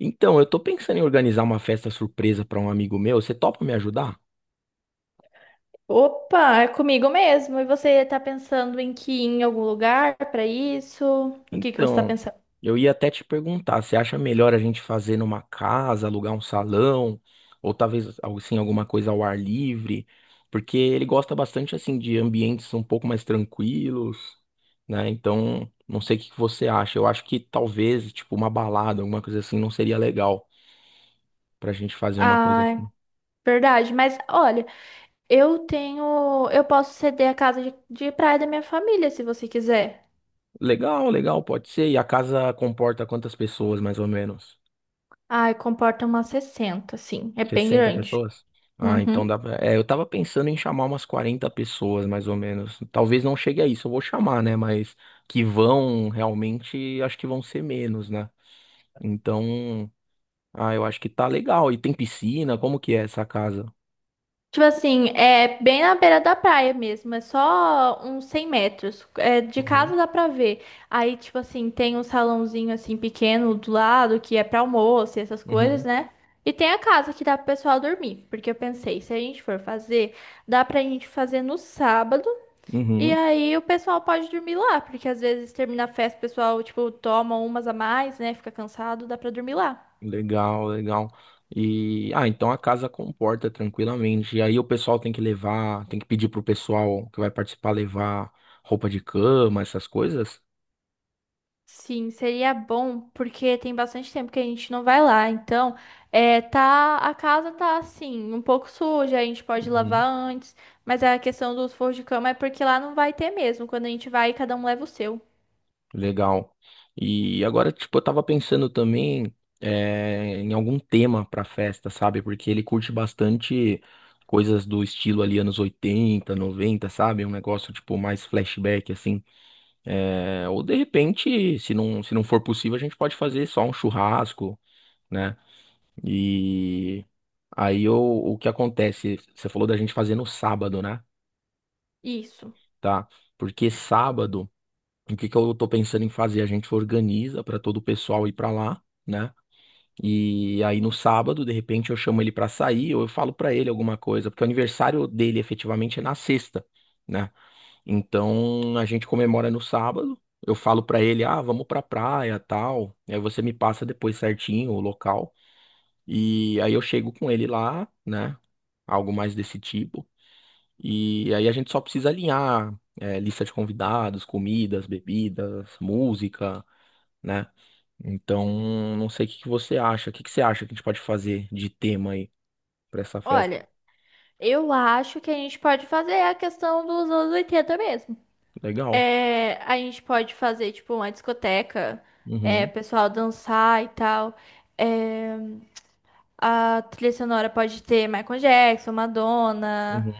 Então, eu tô pensando em organizar uma festa surpresa para um amigo meu. Você topa me ajudar? Opa, é comigo mesmo. E você tá pensando em que ir em algum lugar pra isso? O que que você tá Então, pensando? eu ia até te perguntar, você acha melhor a gente fazer numa casa, alugar um salão, ou talvez algo assim, alguma coisa ao ar livre? Porque ele gosta bastante assim de ambientes um pouco mais tranquilos, né? Então, não sei o que que você acha. Eu acho que talvez, tipo, uma balada, alguma coisa assim, não seria legal pra gente fazer uma coisa Ah, assim. verdade. Mas olha, eu posso ceder a casa de praia da minha família, se você quiser. Legal, legal, pode ser. E a casa comporta quantas pessoas, mais ou menos? Ai, comporta umas 60, assim. É bem 60 grande. pessoas? Ah, então Uhum. dá pra... É, eu tava pensando em chamar umas 40 pessoas, mais ou menos. Talvez não chegue a isso, eu vou chamar, né? Mas que vão realmente, acho que vão ser menos, né? Então, ah, eu acho que tá legal. E tem piscina, como que é essa casa? Tipo assim, é bem na beira da praia mesmo, é só uns 100 metros. É, de Uhum, casa dá pra ver. Aí, tipo assim, tem um salãozinho assim pequeno do lado que é pra almoço e essas coisas, uhum, né? E tem a casa que dá pro pessoal dormir. Porque eu pensei, se a gente for fazer, dá pra gente fazer no sábado. E uhum. aí o pessoal pode dormir lá, porque às vezes termina a festa, o pessoal, tipo, toma umas a mais, né? Fica cansado, dá pra dormir lá. Legal, legal. E, ah, então a casa comporta tranquilamente. E aí o pessoal tem que levar, tem que pedir pro pessoal que vai participar levar roupa de cama, essas coisas? Sim, seria bom, porque tem bastante tempo que a gente não vai lá. Então, tá, a casa tá assim, um pouco suja, a gente pode lavar antes, mas a questão dos forros de cama é porque lá não vai ter mesmo. Quando a gente vai, cada um leva o seu. Legal. E agora, tipo, eu tava pensando também em algum tema pra festa, sabe? Porque ele curte bastante coisas do estilo ali, anos 80, 90, sabe? Um negócio, tipo, mais flashback, assim. Ou de repente, se não for possível, a gente pode fazer só um churrasco, né? E aí o que acontece? Você falou da gente fazer no sábado, né? Isso. Tá? Porque sábado. O que que eu tô pensando em fazer? A gente organiza para todo o pessoal ir para lá, né? E aí no sábado, de repente, eu chamo ele para sair ou eu falo para ele alguma coisa, porque o aniversário dele efetivamente é na sexta, né? Então a gente comemora no sábado. Eu falo para ele, ah, vamos pra praia, tal. Aí você me passa depois certinho o local. E aí eu chego com ele lá, né? Algo mais desse tipo. E aí a gente só precisa alinhar, é, lista de convidados, comidas, bebidas, música, né? Então, não sei o que que você acha. O que que você acha que a gente pode fazer de tema aí pra essa festa? Olha, eu acho que a gente pode fazer a questão dos anos 80 mesmo. Legal. A gente pode fazer, tipo, uma discoteca, Uhum, pessoal dançar e tal. A trilha sonora pode ter Michael Jackson, Madonna, uhum,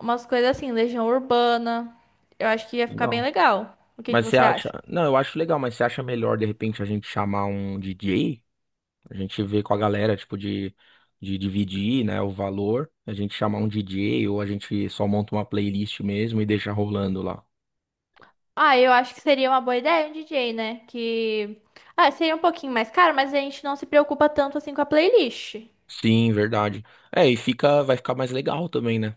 umas coisas assim, Legião Urbana. Eu acho que ia ficar bem legal. legal. O que que Mas você você acha. acha? Não, eu acho legal, mas você acha melhor de repente a gente chamar um DJ? A gente vê com a galera, tipo, de dividir, né, o valor. A gente chamar um DJ ou a gente só monta uma playlist mesmo e deixa rolando lá. Ah, eu acho que seria uma boa ideia um DJ, né? Que. Ah, seria um pouquinho mais caro, mas a gente não se preocupa tanto assim com a playlist. Sim, verdade. É, e fica, vai ficar mais legal também, né?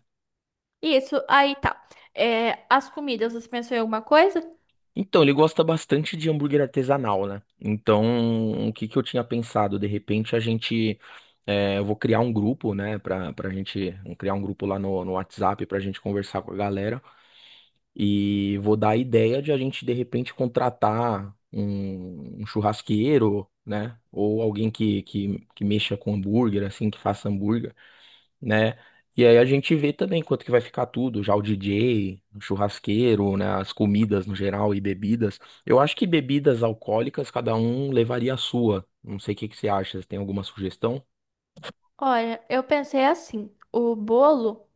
Isso, aí tá. É, as comidas, você pensou em alguma coisa? Então, ele gosta bastante de hambúrguer artesanal, né? Então, o que que eu tinha pensado? De repente, a gente. É, eu vou criar um grupo, né? Pra gente. Criar um grupo lá no WhatsApp pra gente conversar com a galera. E vou dar a ideia de a gente, de repente, contratar um churrasqueiro, né? Ou alguém que mexa com hambúrguer, assim, que faça hambúrguer, né? E aí a gente vê também quanto que vai ficar tudo, já o DJ, o churrasqueiro, né, as comidas no geral e bebidas. Eu acho que bebidas alcoólicas cada um levaria a sua. Não sei o que que você acha, você tem alguma sugestão? Olha, eu pensei assim: o bolo.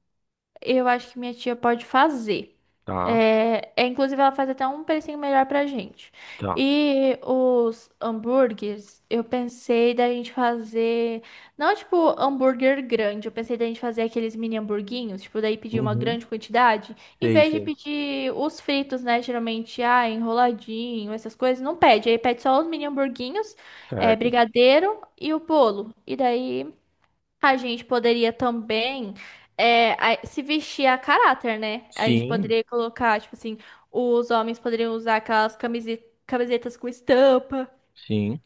Eu acho que minha tia pode fazer. Tá, Inclusive, ela faz até um precinho melhor pra gente. tá. E os hambúrgueres, eu pensei da gente fazer. Não tipo hambúrguer grande, eu pensei da gente fazer aqueles mini hamburguinhos, tipo, daí pedir uma Uhum. grande quantidade. Em Sei, vez de sei. pedir os fritos, né? Geralmente, ah, enroladinho, essas coisas, não pede. Aí pede só os mini hamburguinhos, Certo. brigadeiro e o bolo. E daí. A gente poderia também se vestir a caráter, né? A gente Sim, poderia colocar, tipo assim, os homens poderiam usar aquelas camisetas com estampa. sim.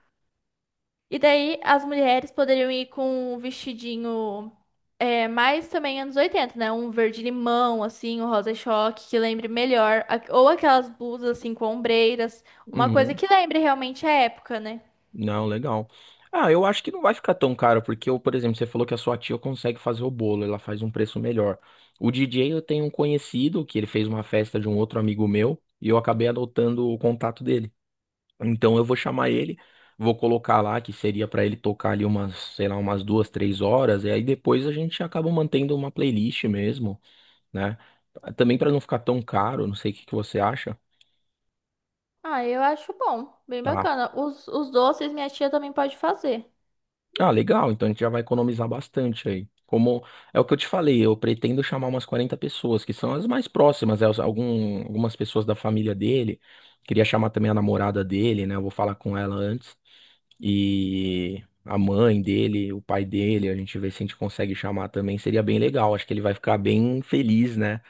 E daí as mulheres poderiam ir com um vestidinho, mais também anos 80, né? Um verde limão, assim, um rosa choque, que lembre melhor. Ou aquelas blusas, assim, com ombreiras. Uma coisa Uhum. que lembre realmente a época, né? Não, legal. Ah, eu acho que não vai ficar tão caro, porque eu, por exemplo, você falou que a sua tia consegue fazer o bolo, ela faz um preço melhor. O DJ eu tenho um conhecido que ele fez uma festa de um outro amigo meu e eu acabei adotando o contato dele. Então eu vou chamar ele, vou colocar lá que seria pra ele tocar ali umas, sei lá, umas 2, 3 horas, e aí depois a gente acaba mantendo uma playlist mesmo, né? Também pra não ficar tão caro, não sei o que que você acha. Ah, eu acho bom, bem Tá? bacana. Os doces minha tia também pode fazer. Ah, legal. Então a gente já vai economizar bastante aí. Como é o que eu te falei, eu pretendo chamar umas 40 pessoas, que são as mais próximas, né? Algumas pessoas da família dele. Queria chamar também a namorada dele, né? Eu vou falar com ela antes. E a mãe dele, o pai dele, a gente vê se a gente consegue chamar também. Seria bem legal. Acho que ele vai ficar bem feliz, né?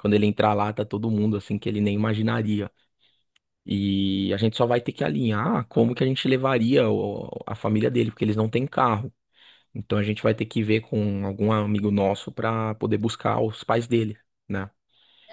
Quando ele entrar lá, tá todo mundo assim que ele nem imaginaria. E a gente só vai ter que alinhar como que a gente levaria a família dele, porque eles não têm carro. Então a gente vai ter que ver com algum amigo nosso pra poder buscar os pais dele, né?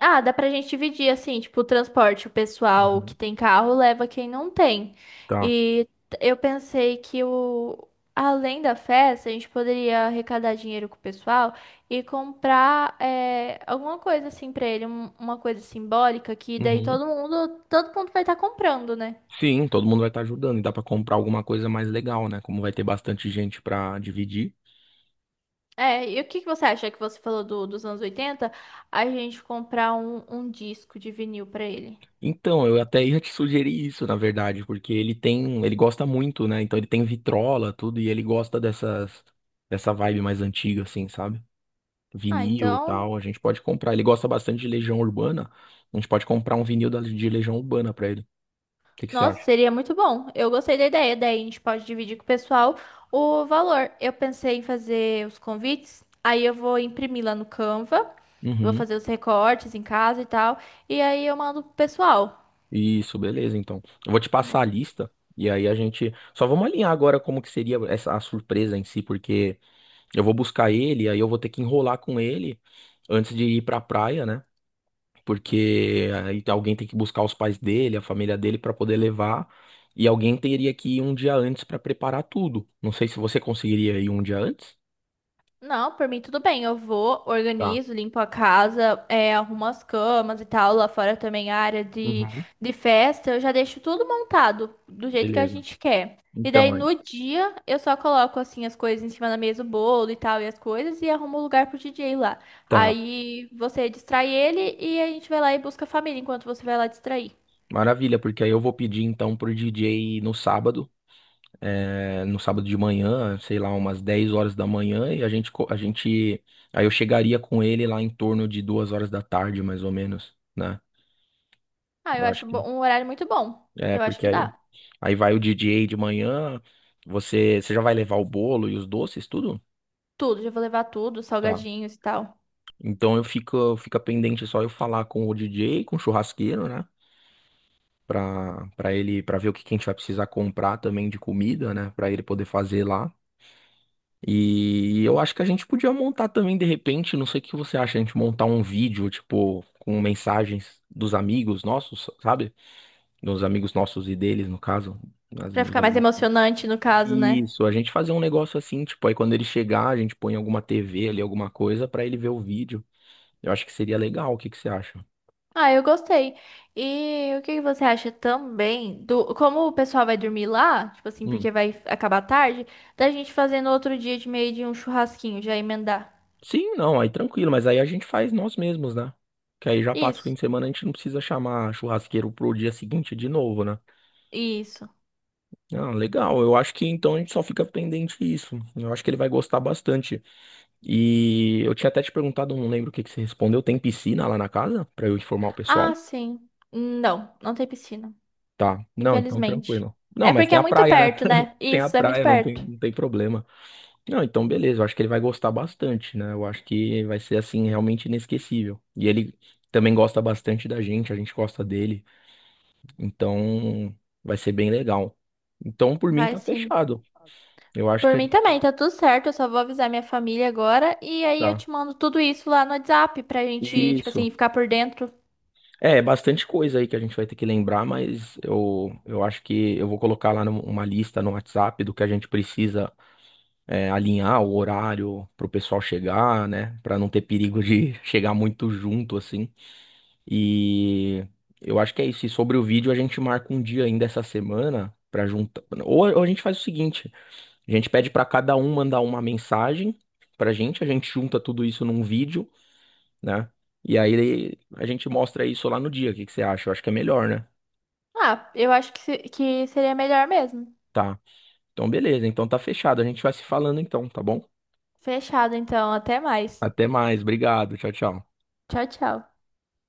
Ah, dá pra gente dividir assim, tipo, o transporte, o pessoal que Uhum. tem carro leva quem não tem. Tá. E eu pensei que o além da festa, a gente poderia arrecadar dinheiro com o pessoal e comprar alguma coisa assim pra ele, uma coisa simbólica que daí Uhum. Todo mundo vai estar comprando, né? Sim, todo mundo vai estar ajudando e dá pra comprar alguma coisa mais legal, né? Como vai ter bastante gente pra dividir. É, e o que que você acha que você falou dos anos 80, a gente comprar um disco de vinil pra ele. Então, eu até ia te sugerir isso, na verdade, porque ele tem, ele gosta muito, né? Então ele tem vitrola, tudo e ele gosta dessa vibe mais antiga assim, sabe? Ah, Vinil, e então. tal, a gente pode comprar. Ele gosta bastante de Legião Urbana. A gente pode comprar um vinil de Legião Urbana pra ele. O que que você Nossa, acha? seria muito bom. Eu gostei da ideia. Daí a gente pode dividir com o pessoal o valor. Eu pensei em fazer os convites, aí eu vou imprimir lá no Canva, vou Uhum. fazer os recortes em casa e tal, e aí eu mando pro pessoal. Isso, beleza, então. Eu vou te passar a lista e aí a gente só vamos alinhar agora como que seria essa a surpresa em si, porque eu vou buscar ele, aí eu vou ter que enrolar com ele antes de ir pra praia, né? Porque aí alguém tem que buscar os pais dele, a família dele pra poder levar, e alguém teria que ir um dia antes pra preparar tudo. Não sei se você conseguiria ir um dia antes. Não, por mim tudo bem. Eu vou, Tá. organizo, limpo a casa, arrumo as camas e tal. Lá fora também a área Uhum. de festa. Eu já deixo tudo montado do jeito que a Beleza. gente quer. E daí Então, no dia eu só coloco assim as coisas em cima da mesa, o bolo e tal, e as coisas, e arrumo o lugar pro DJ lá. tá. Aí você distrai ele e a gente vai lá e busca a família enquanto você vai lá distrair. Maravilha, porque aí eu vou pedir então pro DJ no sábado de manhã, sei lá, umas 10 horas da manhã, e a gente, aí eu chegaria com ele lá em torno de 2 horas da tarde, mais ou menos, né? Ah, eu Eu acho acho que um horário muito bom. é, Eu acho porque que aí, dá. aí vai o DJ de manhã, você já vai levar o bolo e os doces, tudo? Tudo, já vou levar tudo, Tá. salgadinhos e tal. Então eu fica pendente só eu falar com o DJ, com o churrasqueiro, né? Pra ele, pra ver o que que a gente vai precisar comprar também de comida, né? Pra ele poder fazer lá. E eu acho que a gente podia montar também, de repente, não sei o que você acha, a gente montar um vídeo, tipo, com mensagens dos amigos nossos, sabe? Dos amigos nossos e deles, no caso. Dos Pra meus ficar mais amigos. emocionante no caso, né? Isso, a gente fazer um negócio assim, tipo, aí quando ele chegar, a gente põe alguma TV ali, alguma coisa, pra ele ver o vídeo. Eu acho que seria legal, o que que você acha? Ah, eu gostei. E o que que você acha também do como o pessoal vai dormir lá, tipo assim, Hum. porque vai acabar tarde, da gente fazer no outro dia de meio de um churrasquinho, já emendar. Sim, não, aí tranquilo, mas aí a gente faz nós mesmos, né? Que aí já passa o fim Isso. de semana, a gente não precisa chamar churrasqueiro pro dia seguinte de novo, né? Isso. Ah, legal. Eu acho que então a gente só fica pendente isso. Eu acho que ele vai gostar bastante. E eu tinha até te perguntado, não lembro o que que você respondeu. Tem piscina lá na casa pra eu informar o Ah, pessoal? sim. Não, não tem piscina, Tá. Não, então infelizmente. tranquilo. Não, É mas porque tem é a muito praia, né? perto, né? Tem a Isso, é muito praia, não tem, perto. não tem problema. Não, então beleza. Eu acho que ele vai gostar bastante, né? Eu acho que vai ser assim realmente inesquecível. E ele também gosta bastante da gente, a gente gosta dele. Então vai ser bem legal. Então por mim Vai tá sim. fechado. Eu acho que Por a mim gente também, tá tudo certo. Eu só vou avisar minha família agora e aí eu tá. te mando tudo isso lá no WhatsApp pra gente, tipo Isso. assim, ficar por dentro. É bastante coisa aí que a gente vai ter que lembrar, mas eu acho que eu vou colocar lá uma lista no WhatsApp do que a gente precisa, alinhar o horário pro pessoal chegar, né? Pra não ter perigo de chegar muito junto, assim. E eu acho que é isso. E sobre o vídeo, a gente marca um dia ainda essa semana pra juntar. Ou a gente faz o seguinte: a gente pede pra cada um mandar uma mensagem pra gente, a gente junta tudo isso num vídeo, né? E aí a gente mostra isso lá no dia. O que que você acha? Eu acho que é melhor, né? Ah, eu acho que, que seria melhor mesmo. Tá. Então, beleza. Então tá fechado. A gente vai se falando então, tá bom? Fechado, então. Até mais. Até mais. Obrigado. Tchau, tchau. Tchau, tchau.